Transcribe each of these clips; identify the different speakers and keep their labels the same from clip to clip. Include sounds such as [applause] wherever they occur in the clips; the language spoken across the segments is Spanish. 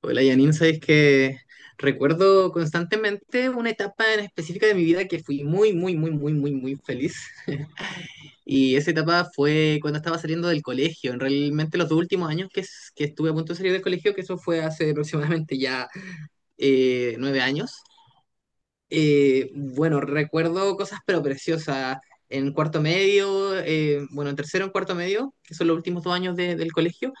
Speaker 1: Hola Janine, sabes que recuerdo constantemente una etapa en específica de mi vida que fui muy, muy, muy, muy, muy, muy feliz. Y esa etapa fue cuando estaba saliendo del colegio, en realmente los dos últimos años que estuve a punto de salir del colegio, que eso fue hace [laughs] aproximadamente ya nueve años. Bueno, recuerdo cosas pero preciosas. En tercero, en cuarto medio, que son los últimos dos años del colegio.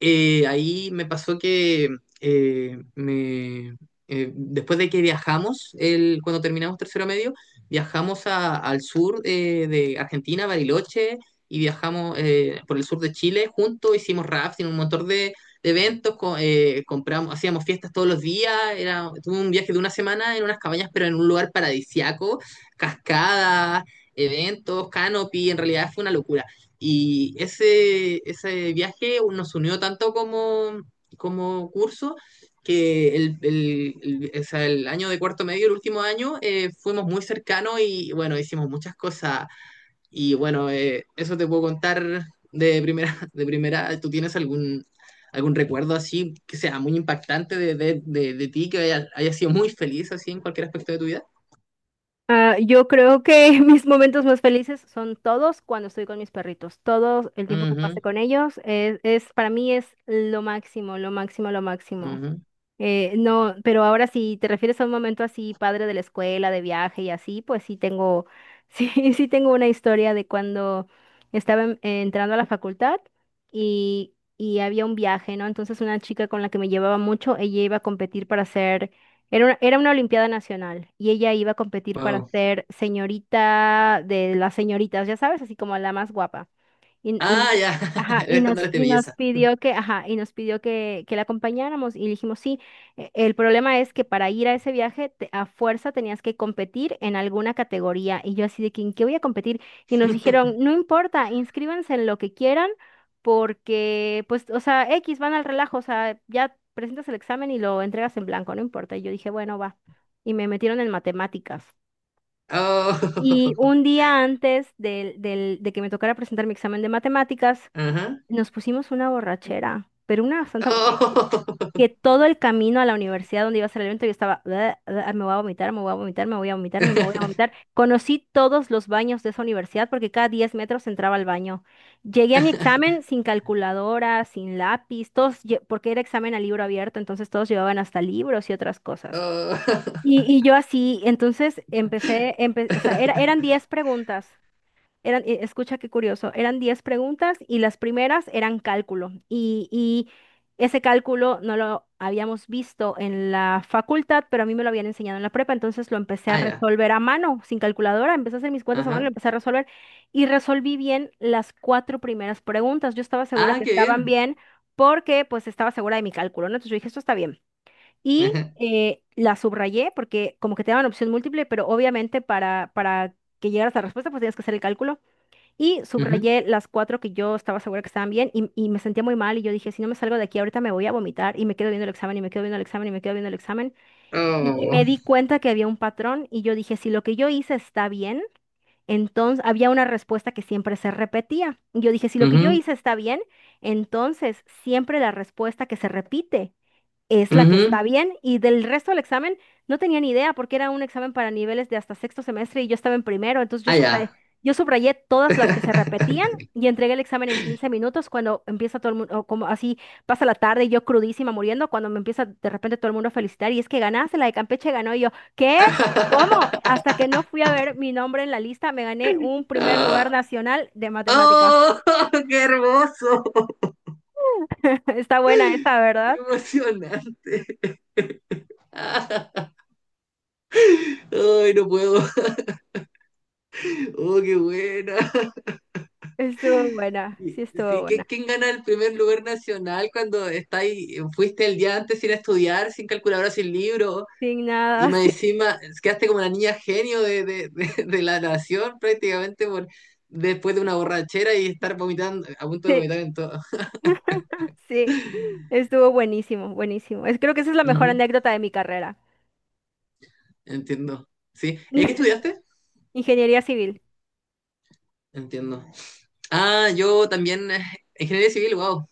Speaker 1: Ahí me pasó que eh, me, después de que viajamos, el, cuando terminamos tercero medio, viajamos al sur de Argentina, Bariloche, y viajamos por el sur de Chile juntos, hicimos rafting, un montón de eventos, compramos, hacíamos fiestas todos los días, era, tuve un viaje de una semana en unas cabañas, pero en un lugar paradisiaco, cascadas, eventos, canopy, en realidad fue una locura. Y ese viaje nos unió tanto como, como curso que el- o sea, el año de cuarto medio, el último año, fuimos muy cercanos y bueno, hicimos muchas cosas. Y bueno, eso te puedo contar de primera, [laughs] de primera. ¿Tú tienes algún, algún recuerdo así que sea muy impactante de ti, que haya, haya sido muy feliz así en cualquier aspecto de tu vida?
Speaker 2: Ah, yo creo que [laughs] mis momentos más felices son todos cuando estoy con mis perritos. Todo el tiempo que
Speaker 1: Ujú,
Speaker 2: pase con ellos es para mí es lo máximo, lo máximo, lo máximo.
Speaker 1: ujú.
Speaker 2: No, pero ahora si te refieres a un momento así, padre de la escuela, de viaje y así, pues sí tengo, [laughs] sí, sí tengo una historia de cuando estaba entrando a la facultad y había un viaje, ¿no? Entonces una chica con la que me llevaba mucho, ella iba a competir para ser era una, Olimpiada Nacional y ella iba a competir para
Speaker 1: Wow.
Speaker 2: ser señorita de las señoritas, ya sabes, así como la más guapa. Y,
Speaker 1: Ah,
Speaker 2: y-
Speaker 1: ya,
Speaker 2: ajá,
Speaker 1: [laughs] el
Speaker 2: y nos,
Speaker 1: estándar de
Speaker 2: y nos
Speaker 1: belleza.
Speaker 2: pidió que, ajá, que la acompañáramos y dijimos, sí. El problema es que para ir a ese viaje a fuerza tenías que competir en alguna categoría y yo así de que, ¿en qué voy a competir? Y nos dijeron, no importa, inscríbanse en lo que quieran porque, pues, o sea, X van al relajo, o sea, ya presentas el examen y lo entregas en blanco, no importa. Y yo dije, bueno, va. Y me metieron en matemáticas. Y
Speaker 1: Oh. [laughs]
Speaker 2: un día antes de que me tocara presentar mi examen de matemáticas,
Speaker 1: Ajá.
Speaker 2: nos pusimos una borrachera, pero una bastante... Que,
Speaker 1: Oh.
Speaker 2: que todo el camino a la universidad donde iba a ser el evento yo estaba... "Bleh, bleh, me voy a vomitar, me voy a vomitar, me voy a vomitar, me voy a
Speaker 1: [laughs]
Speaker 2: vomitar". Conocí todos los baños de esa universidad porque cada 10 metros entraba al baño. Llegué a mi examen sin calculadora, sin lápiz, porque era examen a libro abierto, entonces todos llevaban hasta libros y otras cosas.
Speaker 1: Oh.
Speaker 2: Y yo así, entonces o sea, eran
Speaker 1: [laughs]
Speaker 2: 10 preguntas. Escucha qué curioso, eran 10 preguntas y las primeras eran cálculo. Y ese cálculo no lo habíamos visto en la facultad, pero a mí me lo habían enseñado en la prepa, entonces lo empecé a
Speaker 1: Ah, ya.
Speaker 2: resolver a mano, sin calculadora, empecé a hacer mis cuentas a mano, lo
Speaker 1: Ajá.
Speaker 2: empecé a resolver y resolví bien las cuatro primeras preguntas. Yo estaba segura
Speaker 1: Ah,
Speaker 2: que
Speaker 1: qué
Speaker 2: estaban
Speaker 1: bien.
Speaker 2: bien porque pues estaba segura de mi cálculo, ¿no? Entonces yo dije, esto está bien. Y
Speaker 1: Ajá.
Speaker 2: la subrayé porque como que te daban opción múltiple, pero obviamente para que llegaras a la respuesta pues tienes que hacer el cálculo. Y
Speaker 1: Ujú.
Speaker 2: subrayé las cuatro que yo estaba segura que estaban bien y me sentía muy mal y yo dije, si no me salgo de aquí ahorita me voy a vomitar y me quedo viendo el examen y me quedo viendo el examen y me quedo viendo el examen. Y
Speaker 1: Oh.
Speaker 2: me di cuenta que había un patrón y yo dije, si lo que yo hice está bien, entonces había una respuesta que siempre se repetía. Y yo dije, si lo que yo
Speaker 1: Ujú.
Speaker 2: hice está bien, entonces siempre la respuesta que se repite es la que
Speaker 1: Ujú.
Speaker 2: está bien y del resto del examen no tenía ni idea porque era un examen para niveles de hasta sexto semestre y yo estaba en primero, entonces yo
Speaker 1: Ah,
Speaker 2: subrayé,
Speaker 1: ya.
Speaker 2: yo subrayé todas las que se repetían y entregué el examen en 15 minutos cuando empieza todo el mundo, como así pasa la tarde y yo crudísima muriendo, cuando me empieza de repente todo el mundo a felicitar y es que ganaste, la de Campeche ganó y yo, ¿qué? ¿Cómo?
Speaker 1: [laughs]
Speaker 2: Hasta que no fui a ver mi nombre en la lista, me gané un primer lugar
Speaker 1: Ah.
Speaker 2: nacional de matemáticas.
Speaker 1: Oh, [laughs] qué hermoso.
Speaker 2: [laughs] Está buena esta,
Speaker 1: Qué
Speaker 2: ¿verdad?
Speaker 1: emocionante. Ah. Ay, no puedo. Oh, qué buena.
Speaker 2: Estuvo buena, sí
Speaker 1: Y-
Speaker 2: estuvo
Speaker 1: Sí, ¿qué-
Speaker 2: buena.
Speaker 1: ¿quién gana el primer lugar nacional cuando está ahí- fuiste el día antes sin estudiar, sin calculadora, sin libro?
Speaker 2: Sin
Speaker 1: Y
Speaker 2: nada.
Speaker 1: más
Speaker 2: [laughs]
Speaker 1: encima, quedaste como la niña genio [laughs] de la nación prácticamente por, después de una borrachera y estar vomitando, a punto de
Speaker 2: Sí,
Speaker 1: vomitar en todo.
Speaker 2: [laughs] sí, estuvo buenísimo, buenísimo. Creo que esa es la
Speaker 1: [laughs]
Speaker 2: mejor
Speaker 1: Ujú,
Speaker 2: anécdota de mi carrera.
Speaker 1: entiendo. Sí. Qué
Speaker 2: [laughs]
Speaker 1: estudiaste?
Speaker 2: Ingeniería civil,
Speaker 1: Entiendo. Ah, yo también, ingeniería civil, wow.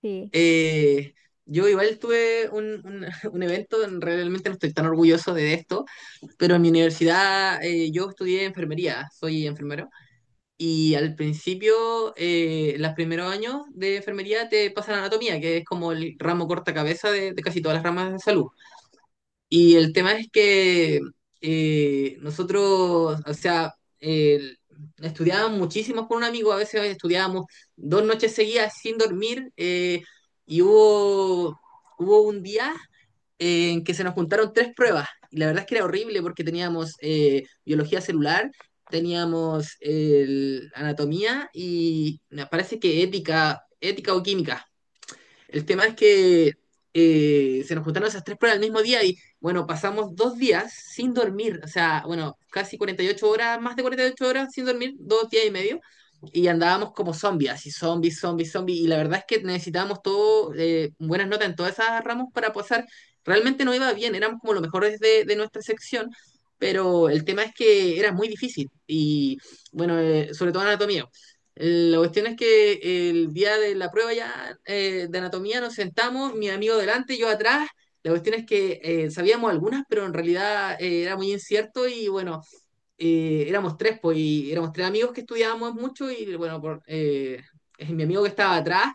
Speaker 2: sí.
Speaker 1: Eh, yo igual tuve un [laughs] un evento, realmente no estoy tan orgulloso de esto, pero en mi universidad yo estudié enfermería, soy enfermero. Y al principio, los primeros años de enfermería te pasan anatomía, que es como el ramo corta cabeza de casi todas las ramas de salud. Y el tema es que nosotros, o sea, el- estudiábamos muchísimo con un amigo, a veces estudiábamos dos noches seguidas sin dormir, y hubo, hubo un día en que se nos juntaron tres pruebas, y la verdad es que era horrible porque teníamos biología celular, teníamos anatomía y me parece que ética, ética o química. El tema es que se nos juntaron esas tres pruebas el mismo día y bueno, pasamos dos días sin dormir, o sea, bueno, casi 48 horas, más de 48 horas sin dormir, dos días y medio, y andábamos como zombies, así zombies, zombies, zombies, y la verdad es que necesitábamos todo, buenas notas en todas esas ramos para pasar, realmente no iba bien, éramos como los mejores de nuestra sección, pero el tema es que era muy difícil, y bueno, sobre todo anatomía, la cuestión es que el día de la prueba ya de anatomía nos sentamos, mi amigo delante, yo atrás. La cuestión es que sabíamos algunas, pero en realidad era muy incierto y bueno, éramos tres, pues, y éramos tres amigos que estudiábamos mucho y bueno, mi amigo que estaba atrás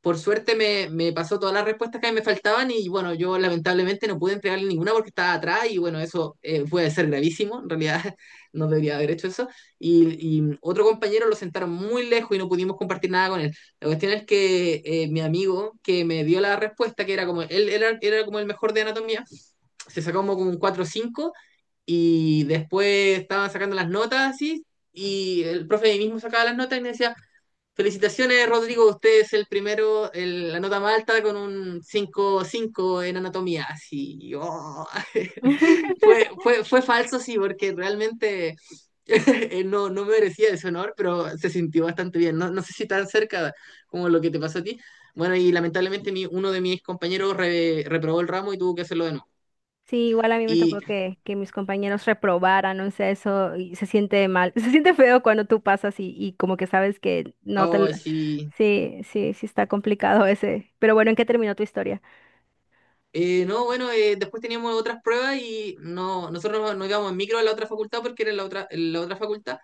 Speaker 1: por suerte me, me pasó todas las respuestas que me faltaban y bueno, yo lamentablemente no pude entregarle ninguna porque estaba atrás y bueno, eso puede ser gravísimo, en realidad [laughs] no debería haber hecho eso. Y otro compañero lo sentaron muy lejos y no pudimos compartir nada con él. La cuestión es que mi amigo que me dio la respuesta, que era como, él era, era como el mejor de anatomía, se sacó como, como un 4 cinco y después estaban sacando las notas así y el profe ahí mismo sacaba las notas y me decía, Felicitaciones, Rodrigo. Usted es el primero, la nota más alta con un 5,5 en anatomía. Así, oh. [laughs]
Speaker 2: [laughs]
Speaker 1: Fue, fue, fue falso, sí, porque realmente [laughs] no, no merecía ese honor, pero se sintió bastante bien. No, no sé si tan cerca como lo que te pasó a ti. Bueno, y lamentablemente uno de mis compañeros reprobó el ramo y tuvo que hacerlo de nuevo.
Speaker 2: Sí, igual a mí me
Speaker 1: Y,
Speaker 2: tocó que mis compañeros reprobaran, no sé, eso, y se siente mal, [laughs] se siente feo cuando tú pasas y como que sabes que no te... lo-
Speaker 1: oh, sí.
Speaker 2: Sí, sí, sí está complicado ese. Pero bueno, ¿en qué terminó tu historia?
Speaker 1: No, bueno, después teníamos otras pruebas y no, nosotros nos, nos íbamos en micro a la otra facultad porque era la otra facultad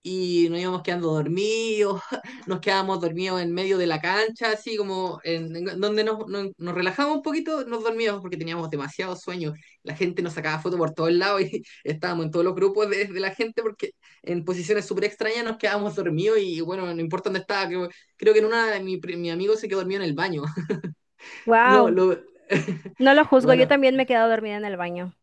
Speaker 1: y nos íbamos quedando dormidos, [laughs] nos quedábamos dormidos en medio de la cancha, así como en donde nos, nos, nos relajábamos un poquito, nos dormíamos porque teníamos demasiado sueño. La gente nos sacaba fotos por todos lados y [laughs] estábamos en todos los grupos de la gente porque en posiciones súper extrañas nos quedábamos dormidos y bueno, no importa dónde estaba, creo, creo que en una de mi, mi amigo se quedó dormido en el baño. [laughs] No,
Speaker 2: Wow,
Speaker 1: lo... [laughs]
Speaker 2: no lo juzgo, yo
Speaker 1: bueno,
Speaker 2: también me he quedado dormida en el baño,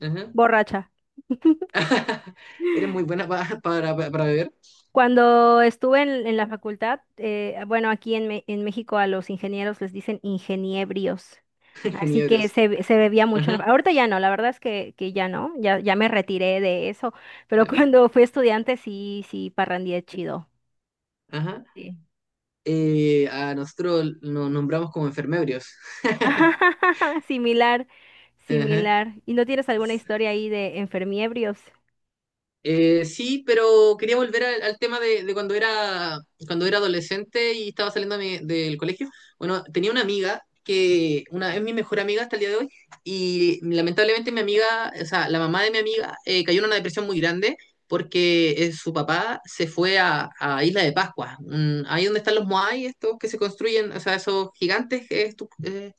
Speaker 1: ajá.
Speaker 2: borracha. [laughs]
Speaker 1: [laughs] Eres muy buena para, beber,
Speaker 2: Cuando estuve en la facultad, bueno, aquí en, en México a los ingenieros les dicen ingeniebrios.
Speaker 1: [laughs]
Speaker 2: Así que
Speaker 1: geniebrios.
Speaker 2: se bebía mucho.
Speaker 1: Ajá,
Speaker 2: Ahorita ya no, la verdad es que ya no, ya, ya me retiré de eso. Pero [laughs]
Speaker 1: de la-
Speaker 2: cuando fui estudiante sí, sí, parrandié chido.
Speaker 1: ajá.
Speaker 2: Sí.
Speaker 1: A nosotros nos nombramos como enfermeros. [laughs]
Speaker 2: [laughs] Similar,
Speaker 1: Ajá.
Speaker 2: similar. ¿Y no tienes alguna historia ahí de enfermiebrios?
Speaker 1: Sí, pero quería volver al, al tema de cuando era adolescente y estaba saliendo de del colegio. Bueno, tenía una amiga que una, es mi mejor amiga hasta el día de hoy y lamentablemente mi amiga, o sea, la mamá de mi amiga cayó en una depresión muy grande porque su papá se fue a Isla de Pascua, ahí donde están los Moai, estos que se construyen, o sea, esos gigantes, que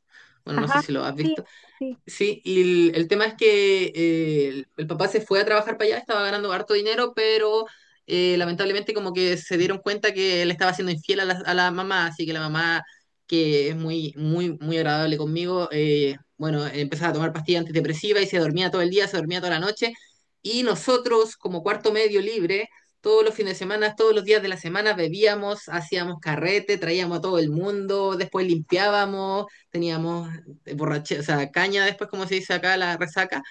Speaker 1: bueno, no sé
Speaker 2: Ajá,
Speaker 1: si lo has
Speaker 2: sí,
Speaker 1: visto.
Speaker 2: sí.
Speaker 1: Sí, y el tema es que el papá se fue a trabajar para allá, estaba ganando harto dinero, pero lamentablemente como que se dieron cuenta que él estaba siendo infiel a la mamá, así que la mamá, que es muy, muy, muy agradable conmigo, bueno, empezaba a tomar pastillas antidepresivas y se dormía todo el día, se dormía toda la noche, y nosotros como cuarto medio libre, todos los fines de semana, todos los días de la semana bebíamos, hacíamos carrete, traíamos a todo el mundo, después limpiábamos, teníamos o sea, caña después, como se dice acá, la resaca.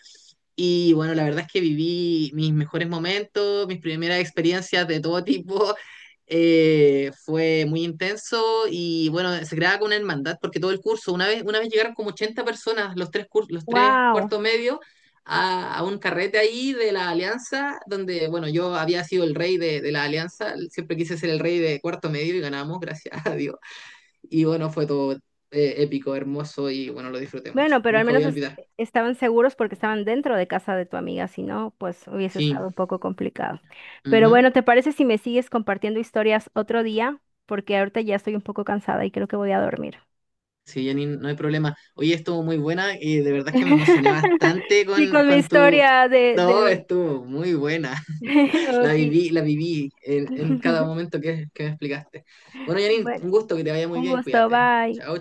Speaker 1: Y bueno, la verdad es que viví mis mejores momentos, mis primeras experiencias de todo [laughs] tipo. Fue muy intenso y bueno, se creaba con una hermandad porque todo el curso, una vez llegaron como 80 personas, los tres, los tres
Speaker 2: Wow.
Speaker 1: cuartos medios, a, un carrete ahí de la Alianza, donde, bueno, yo había sido el rey de la Alianza, siempre quise ser el rey de cuarto medio y ganamos, [laughs] gracias a Dios. Y bueno, fue todo épico, hermoso y bueno, lo disfruté mucho.
Speaker 2: Bueno, pero al
Speaker 1: Nunca voy
Speaker 2: menos
Speaker 1: a olvidar.
Speaker 2: estaban seguros porque estaban dentro de casa de tu amiga, si no, pues hubiese
Speaker 1: Sí,
Speaker 2: estado un poco complicado. Pero
Speaker 1: ujú.
Speaker 2: bueno, ¿te parece si me sigues compartiendo historias otro día? Porque ahorita ya estoy un poco cansada y creo que voy a dormir.
Speaker 1: Sí, Jenny, no hay problema. Oye, estuvo muy buena y de verdad que me emocioné
Speaker 2: [laughs]
Speaker 1: bastante
Speaker 2: Sí, con mi
Speaker 1: con tu...
Speaker 2: historia de,
Speaker 1: No,
Speaker 2: del...
Speaker 1: estuvo muy buena. [laughs]
Speaker 2: [laughs] Ok.
Speaker 1: La viví en cada
Speaker 2: [laughs]
Speaker 1: momento que me explicaste. Bueno, Janine,
Speaker 2: Bueno,
Speaker 1: un gusto que te vaya muy
Speaker 2: un
Speaker 1: bien.
Speaker 2: gusto,
Speaker 1: Cuídate. Chao.
Speaker 2: bye.